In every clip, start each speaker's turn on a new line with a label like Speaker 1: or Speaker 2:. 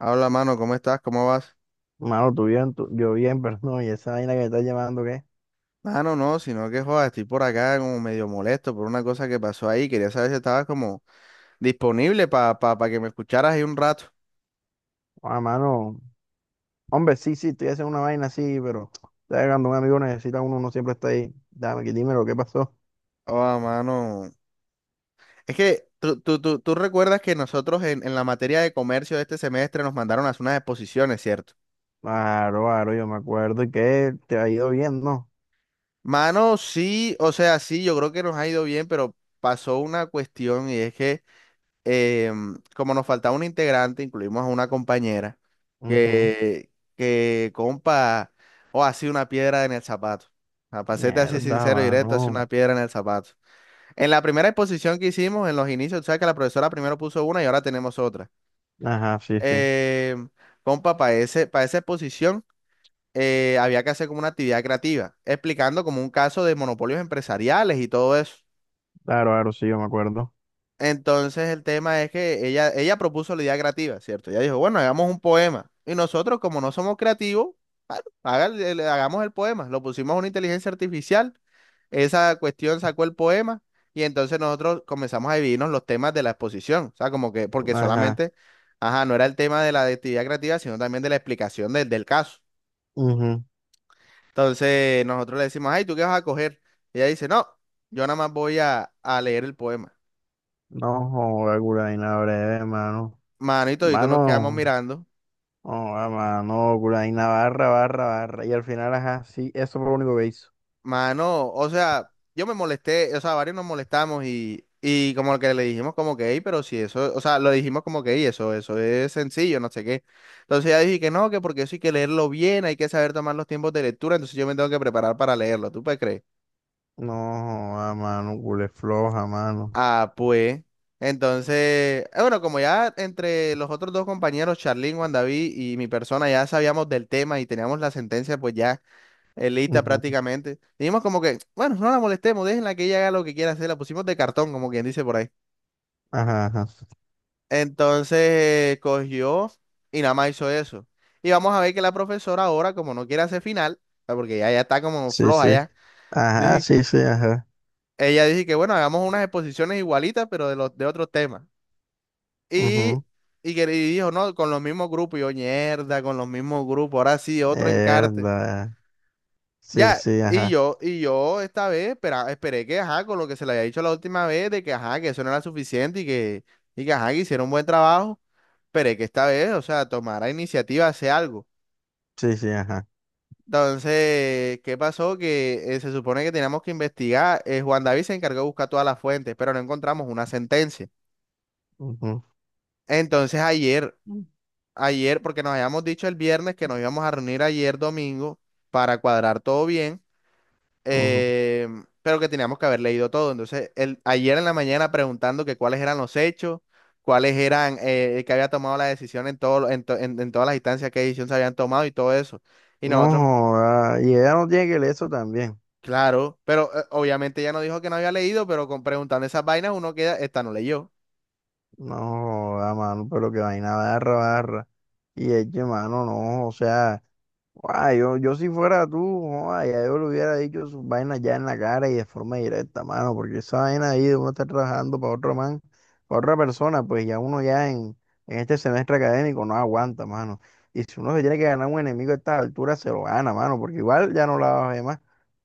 Speaker 1: Habla, mano, ¿cómo estás? ¿Cómo vas?
Speaker 2: Mano, tú bien, yo bien, pero no, y esa vaina que me estás llamando, ¿qué?
Speaker 1: Mano, no, sino que joda, estoy por acá como medio molesto por una cosa que pasó ahí. Quería saber si estabas como disponible para pa que me escucharas ahí un rato.
Speaker 2: Ah, mano, hombre, sí, estoy haciendo una vaina así, pero ¿sabes? Cuando un amigo necesita uno, uno siempre está ahí. Dame, que dime lo que pasó.
Speaker 1: Oh, mano. Es que tú recuerdas que nosotros en la materia de comercio de este semestre nos mandaron a hacer unas exposiciones, ¿cierto?
Speaker 2: Claro, claro, yo me acuerdo y que te ha ido bien, ¿no?
Speaker 1: Mano, sí, o sea, sí, yo creo que nos ha ido bien, pero pasó una cuestión y es que. Como nos faltaba un integrante, incluimos a una compañera
Speaker 2: Ujú.
Speaker 1: que compa, o así una piedra en el zapato. A pasete así
Speaker 2: Mierda,
Speaker 1: sincero y directo, así una
Speaker 2: mano.
Speaker 1: piedra en el zapato. En la primera exposición que hicimos, en los inicios, tú sabes que la profesora primero puso una y ahora tenemos otra.
Speaker 2: Ajá, sí, sí.
Speaker 1: Em, Compa, para esa exposición había que hacer como una actividad creativa, explicando como un caso de monopolios empresariales y todo eso.
Speaker 2: Claro, claro, sí, yo me acuerdo.
Speaker 1: Entonces el tema es que ella propuso la idea creativa, ¿cierto? Ella dijo, bueno, hagamos un poema. Y nosotros, como no somos creativos, bueno, hagamos el poema. Lo pusimos a una inteligencia artificial, esa cuestión sacó el poema y entonces nosotros comenzamos a dividirnos los temas de la exposición. O sea, como que, porque
Speaker 2: Ajá.
Speaker 1: solamente, ajá, no era el tema de la de actividad creativa, sino también de la explicación del caso.
Speaker 2: Ujú.
Speaker 1: Entonces nosotros le decimos, ay, ¿tú qué vas a coger? Ella dice, no, yo nada más voy a leer el poema.
Speaker 2: No, joder, curaína breve, mano.
Speaker 1: Manito, y todos nos quedamos
Speaker 2: Mano,
Speaker 1: mirando.
Speaker 2: no, mano, curaína barra, barra, barra. Y al final, ajá, sí, eso fue lo único que hizo.
Speaker 1: Mano, o sea, yo me molesté, o sea, varios nos molestamos y como que le dijimos como que, "Ey, pero si eso, o sea, lo dijimos como que, "Ey, eso es sencillo, no sé qué. Entonces ella dije que no, que porque eso hay que leerlo bien, hay que saber tomar los tiempos de lectura, entonces yo me tengo que preparar para leerlo, ¿tú puedes creer?
Speaker 2: No, a mano, culé floja, mano.
Speaker 1: Ah, pues, entonces, bueno, como ya entre los otros dos compañeros, Charlín, Juan David y mi persona, ya sabíamos del tema y teníamos la sentencia, pues ya. Elita
Speaker 2: Ujú.
Speaker 1: prácticamente. Dijimos como que, bueno, no la molestemos, déjenla que ella haga lo que quiera hacer. La pusimos de cartón, como quien dice por ahí.
Speaker 2: Ajá, ajá.
Speaker 1: Entonces cogió y nada más hizo eso. Y vamos a ver que la profesora ahora, como no quiere hacer final, ah, porque ya está como
Speaker 2: Sí,
Speaker 1: floja
Speaker 2: sí.
Speaker 1: ya,
Speaker 2: Ajá,
Speaker 1: dije-
Speaker 2: sí, sí, ajá.
Speaker 1: ella dice que bueno, hagamos unas exposiciones igualitas, pero de los de otros temas. Y,
Speaker 2: Ujú.
Speaker 1: y dijo, no, con los mismos grupos. Y yo, mierda, con los mismos grupos. Ahora sí, otro encarte.
Speaker 2: Mierda. Sí,
Speaker 1: Ya,
Speaker 2: sí, ajá.
Speaker 1: y yo esta vez esperé que, ajá, con lo que se le había dicho la última vez, de que, ajá, que eso no era suficiente ajá, que hicieron un buen trabajo, esperé que esta vez, o sea, tomara iniciativa, hace algo.
Speaker 2: Sí, sí, ajá.
Speaker 1: Entonces, ¿qué pasó? Que se supone que teníamos que investigar, Juan David se encargó de buscar todas las fuentes, pero no encontramos una sentencia.
Speaker 2: Ujú.
Speaker 1: Entonces,
Speaker 2: Mm.
Speaker 1: ayer, porque nos habíamos dicho el viernes que nos íbamos a reunir ayer domingo para cuadrar todo bien.
Speaker 2: Ujú.
Speaker 1: eh, pero que teníamos que haber leído todo. Entonces, el, ayer en la mañana preguntando que cuáles eran los hechos, cuáles eran el que había tomado la decisión en, todo, en todas las instancias, qué decisión se habían tomado y todo eso. Y
Speaker 2: No,
Speaker 1: nosotros,
Speaker 2: joda. Y ella no tiene que leer eso también.
Speaker 1: claro, pero obviamente ya no dijo que no había leído, pero con, preguntando esas vainas uno queda, esta no leyó.
Speaker 2: No, a mano, pero que vaina barra, barra. Y es que, mano, no, o sea. Guay, yo si fuera tú, guay, ya yo le hubiera dicho sus vainas ya en la cara y de forma directa, mano, porque esa vaina ahí de uno estar trabajando para otro man, para otra persona, pues ya uno ya en este semestre académico no aguanta, mano. Y si uno se tiene que ganar un enemigo a esta altura, se lo gana, mano, porque igual ya no la vas a ver más.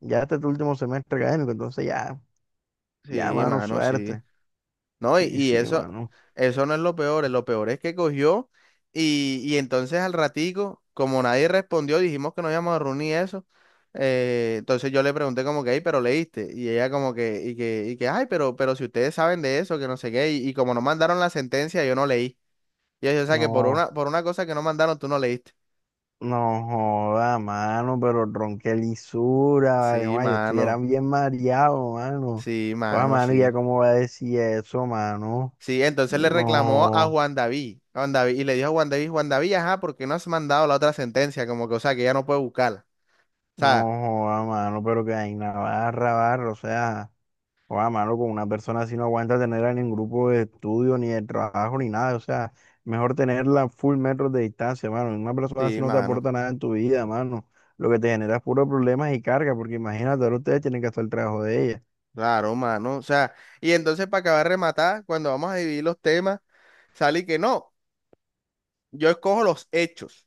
Speaker 2: Ya este es tu último semestre académico, entonces ya, ya,
Speaker 1: Sí,
Speaker 2: mano,
Speaker 1: mano, sí.
Speaker 2: suerte.
Speaker 1: No,
Speaker 2: Sí,
Speaker 1: y
Speaker 2: sí,
Speaker 1: eso,
Speaker 2: mano.
Speaker 1: eso no es lo peor es que cogió y entonces al ratico, como nadie respondió, dijimos que no íbamos a reunir y eso, entonces yo le pregunté como que, "Ey, pero leíste, y ella como que, ay, pero si ustedes saben de eso, que no sé qué, y como no mandaron la sentencia, yo no leí. Y yo, o sea que
Speaker 2: No.
Speaker 1: por una cosa que no mandaron, tú no leíste.
Speaker 2: No joda, mano, pero ron, qué lisura, vale,
Speaker 1: Sí,
Speaker 2: guay, yo estuviera
Speaker 1: mano,
Speaker 2: bien mareado, mano.
Speaker 1: sí,
Speaker 2: Joda,
Speaker 1: mano,
Speaker 2: mano, ¿y ya
Speaker 1: sí.
Speaker 2: cómo va a decir eso, mano?
Speaker 1: Sí, entonces le reclamó
Speaker 2: No,
Speaker 1: A Juan David, y le dijo a Juan David, Juan David, ajá, ¿por qué no has mandado la otra sentencia? Como que, o sea, que ya no puede buscarla. O
Speaker 2: no
Speaker 1: sea,
Speaker 2: joda, mano, pero que hay una barra, barra, o sea, joda, mano, con una persona así no aguanta tenerla en ningún grupo de estudio, ni de trabajo, ni nada, o sea, mejor tenerla full metros de distancia, mano. Una persona así
Speaker 1: sí,
Speaker 2: no te
Speaker 1: mano,
Speaker 2: aporta nada en tu vida, mano. Lo que te genera es puro problemas y carga, porque imagínate, ahora ustedes tienen que hacer el trabajo de
Speaker 1: claro, mano. O sea, y entonces para acabar de rematar, cuando vamos a dividir los temas, sale que no, yo escojo los hechos.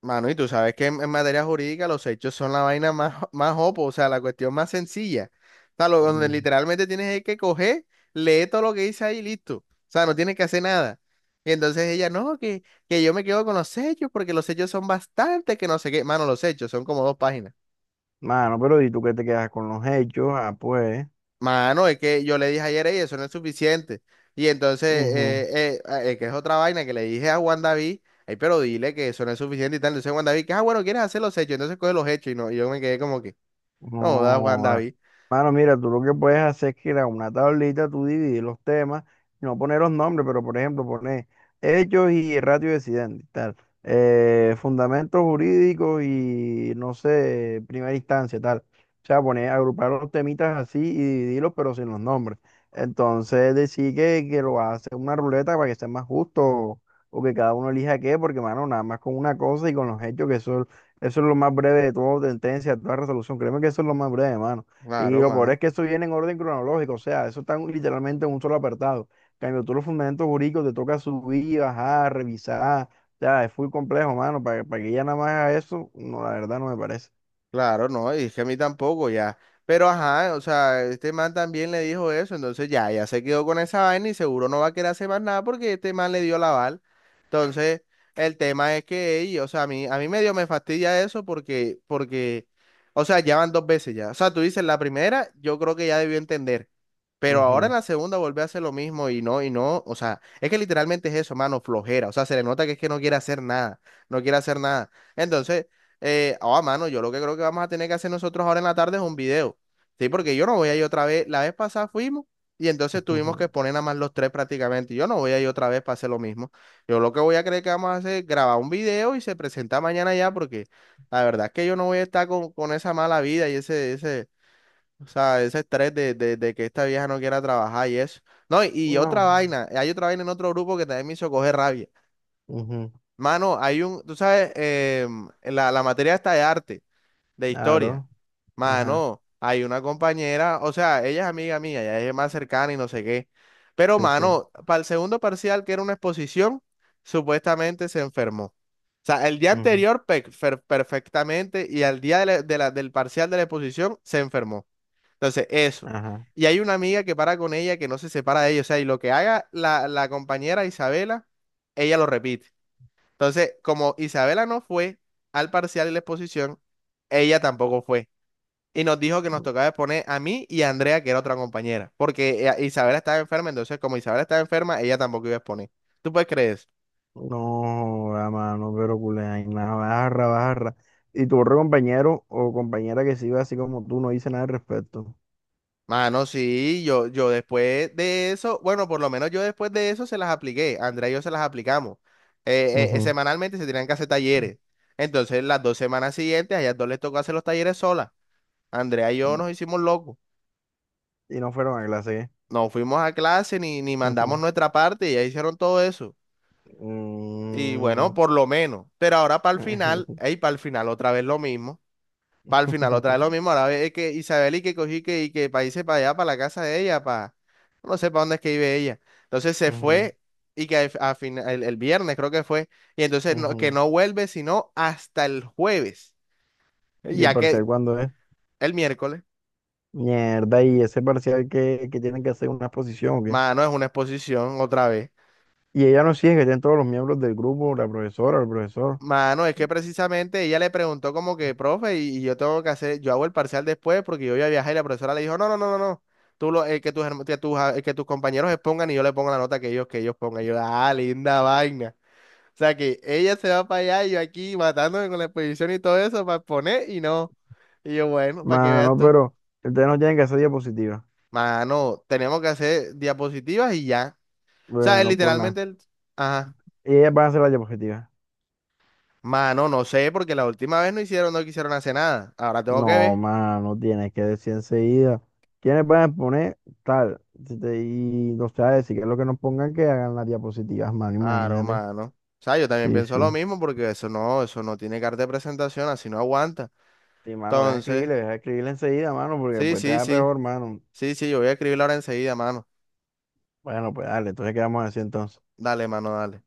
Speaker 1: Mano, y tú sabes que en materia jurídica los hechos son la vaina más, más opo, o sea, la cuestión más sencilla. O sea, lo, donde
Speaker 2: ella.
Speaker 1: literalmente tienes es que coger, leer todo lo que dice ahí y listo. O sea, no tienes que hacer nada. Y entonces ella, no, que yo me quedo con los hechos porque los hechos son bastantes, que no sé qué. Mano, los hechos son como dos páginas.
Speaker 2: Mano, pero ¿y tú qué te quedas con los hechos? Ah, pues.
Speaker 1: Mano, es que yo le dije ayer, ella, eso no es suficiente. Y entonces,
Speaker 2: Ujú.
Speaker 1: que es otra vaina que le dije a Juan David, ay, pero dile que eso no es suficiente y tal. Entonces Juan David, que, ah, bueno, quieres hacer los hechos, entonces coge los hechos y no, y yo me quedé como que. No, da Juan
Speaker 2: No.
Speaker 1: David.
Speaker 2: Mano, mira, tú lo que puedes hacer es que crear una tablita, tú dividir los temas, y no poner los nombres, pero por ejemplo, poner hechos y ratio de accidente, tal, fundamentos jurídicos y no sé, primera instancia, tal. O sea, poner, agrupar los temitas así y dividirlos, pero sin los nombres. Entonces, decir que lo hace una ruleta para que sea más justo o que cada uno elija qué, porque, mano, nada más con una cosa y con los hechos, que eso es lo más breve de todo, sentencia, toda resolución. Créeme que eso es lo más breve, mano. Y
Speaker 1: Claro,
Speaker 2: lo peor
Speaker 1: mano.
Speaker 2: es que eso viene en orden cronológico, o sea, eso está literalmente en un solo apartado. En cambio, tú los fundamentos jurídicos te toca subir, bajar, revisar. O sea, es muy complejo, mano. Para que ya nada más haga eso, no, la verdad no me parece.
Speaker 1: Claro, no, y es que a mí tampoco ya. Pero ajá, o sea, este man también le dijo eso, entonces ya se quedó con esa vaina y seguro no va a querer hacer más nada porque este man le dio la aval. Entonces, el tema es que, ey, o sea, a mí medio me fastidia eso o sea, ya van dos veces ya. O sea, tú dices, la primera, yo creo que ya debió entender. Pero ahora en
Speaker 2: Ujú,
Speaker 1: la segunda vuelve a hacer lo mismo y no, o sea, es que literalmente es eso, mano, flojera. O sea, se le nota que es que no quiere hacer nada, no quiere hacer nada. Entonces, mano, yo lo que creo que vamos a tener que hacer nosotros ahora en la tarde es un video. Sí, porque yo no voy a ir otra vez. La vez pasada fuimos y entonces tuvimos que
Speaker 2: ujú.
Speaker 1: exponer nada más los tres prácticamente. Yo no voy a ir otra vez para hacer lo mismo. Yo lo que voy a creer que vamos a hacer es grabar un video y se presenta mañana ya, porque la verdad es que yo no voy a estar con esa mala vida y ese, o sea, ese estrés de que esta vieja no quiera trabajar y eso. No, y otra
Speaker 2: No.
Speaker 1: vaina, hay otra vaina en otro grupo que también me hizo coger rabia.
Speaker 2: Ujú.
Speaker 1: Mano, hay un, tú sabes, la materia está de arte de historia.
Speaker 2: Claro. Ajá.
Speaker 1: Mano, hay una compañera, o sea, ella es amiga mía, ya es más cercana y no sé qué. Pero,
Speaker 2: Sí, sí.
Speaker 1: mano, para el segundo parcial, que era una exposición, supuestamente se enfermó. O sea, el día
Speaker 2: Ujú.
Speaker 1: anterior perfectamente y al día del parcial de la exposición se enfermó. Entonces, eso.
Speaker 2: Ajá.
Speaker 1: Y hay una amiga que para con ella, que no se separa de ella. O sea, y lo que haga la compañera Isabela, ella lo repite. Entonces, como Isabela no fue al parcial de la exposición, ella tampoco fue y nos dijo que nos tocaba poner a mí y a Andrea, que era otra compañera, porque Isabela estaba enferma, entonces como Isabela estaba enferma, ella tampoco iba a exponer. ¿Tú puedes creer eso?
Speaker 2: No, a mano, pero culé, ay, nada, barra, barra. Y tu otro compañero o compañera que se iba así como tú no dice nada al respecto.
Speaker 1: Mano, sí, yo después de eso, bueno, por lo menos yo después de eso se las apliqué, Andrea y yo se las aplicamos.
Speaker 2: Ujú.
Speaker 1: Semanalmente se tenían que hacer talleres. Entonces, las dos semanas siguientes, a ellas dos les tocó hacer los talleres solas. Andrea y yo nos hicimos locos.
Speaker 2: Y no fueron a clase.
Speaker 1: No fuimos a clase ni mandamos
Speaker 2: Ujú.
Speaker 1: nuestra parte, y ellas hicieron todo eso. Y
Speaker 2: Mm.
Speaker 1: bueno, por lo menos. Pero ahora para el final, ey, para el final otra vez lo mismo. Para el final otra vez lo mismo. Ahora ve que Isabel y que cogí que, y que para irse para allá, para la casa de ella, para... No sé para dónde es que vive ella. Entonces se
Speaker 2: Ujú,
Speaker 1: fue y que el viernes creo que fue. Y entonces que
Speaker 2: ujú.
Speaker 1: no vuelve sino hasta el jueves.
Speaker 2: ¿Y el
Speaker 1: Ya
Speaker 2: parcial
Speaker 1: que
Speaker 2: cuándo es?
Speaker 1: el miércoles,
Speaker 2: Mierda, y ese parcial que tienen que hacer una exposición o qué.
Speaker 1: mano, es una exposición otra vez.
Speaker 2: Y ella no sigue, que tienen todos los miembros del grupo, la profesora, el profesor.
Speaker 1: Mano, es que precisamente ella le preguntó como que, profe, y yo tengo que hacer, yo hago el parcial después porque yo voy a viajar y la profesora le dijo, no, no, no, no, no, tú lo, que tus, que tus, que tus compañeros expongan y yo le pongo la nota que ellos pongan. Y yo, ah, linda vaina. O sea que ella se va para allá y yo aquí matándome con la exposición y todo eso para exponer y no. Y yo, bueno, para que veas
Speaker 2: Mano,
Speaker 1: tú.
Speaker 2: pero ustedes no tienen que hacer diapositivas.
Speaker 1: Mano, tenemos que hacer diapositivas y ya. O sea, es
Speaker 2: Bueno, por nada.
Speaker 1: literalmente el... Ajá.
Speaker 2: Y ellas van a hacer las diapositivas.
Speaker 1: Mano, no sé, porque la última vez no hicieron, no quisieron hacer nada. Ahora tengo que
Speaker 2: No,
Speaker 1: ver.
Speaker 2: mano, tienes que decir enseguida. ¿Quiénes van a exponer? Tal. Si te- Y no sé, decir que es lo que nos pongan que hagan las diapositivas, mano,
Speaker 1: Claro,
Speaker 2: imagínate.
Speaker 1: mano. O sea, yo también
Speaker 2: Sí,
Speaker 1: pienso lo
Speaker 2: sí.
Speaker 1: mismo porque eso no tiene carta de presentación, así no aguanta.
Speaker 2: Sí, mano,
Speaker 1: Entonces,
Speaker 2: deja escribirle enseguida, mano, porque
Speaker 1: sí,
Speaker 2: pues te
Speaker 1: sí,
Speaker 2: da
Speaker 1: sí,
Speaker 2: peor, mano.
Speaker 1: sí, yo voy a escribirla ahora enseguida, mano.
Speaker 2: Bueno, pues dale, entonces quedamos así entonces.
Speaker 1: Dale, mano, dale.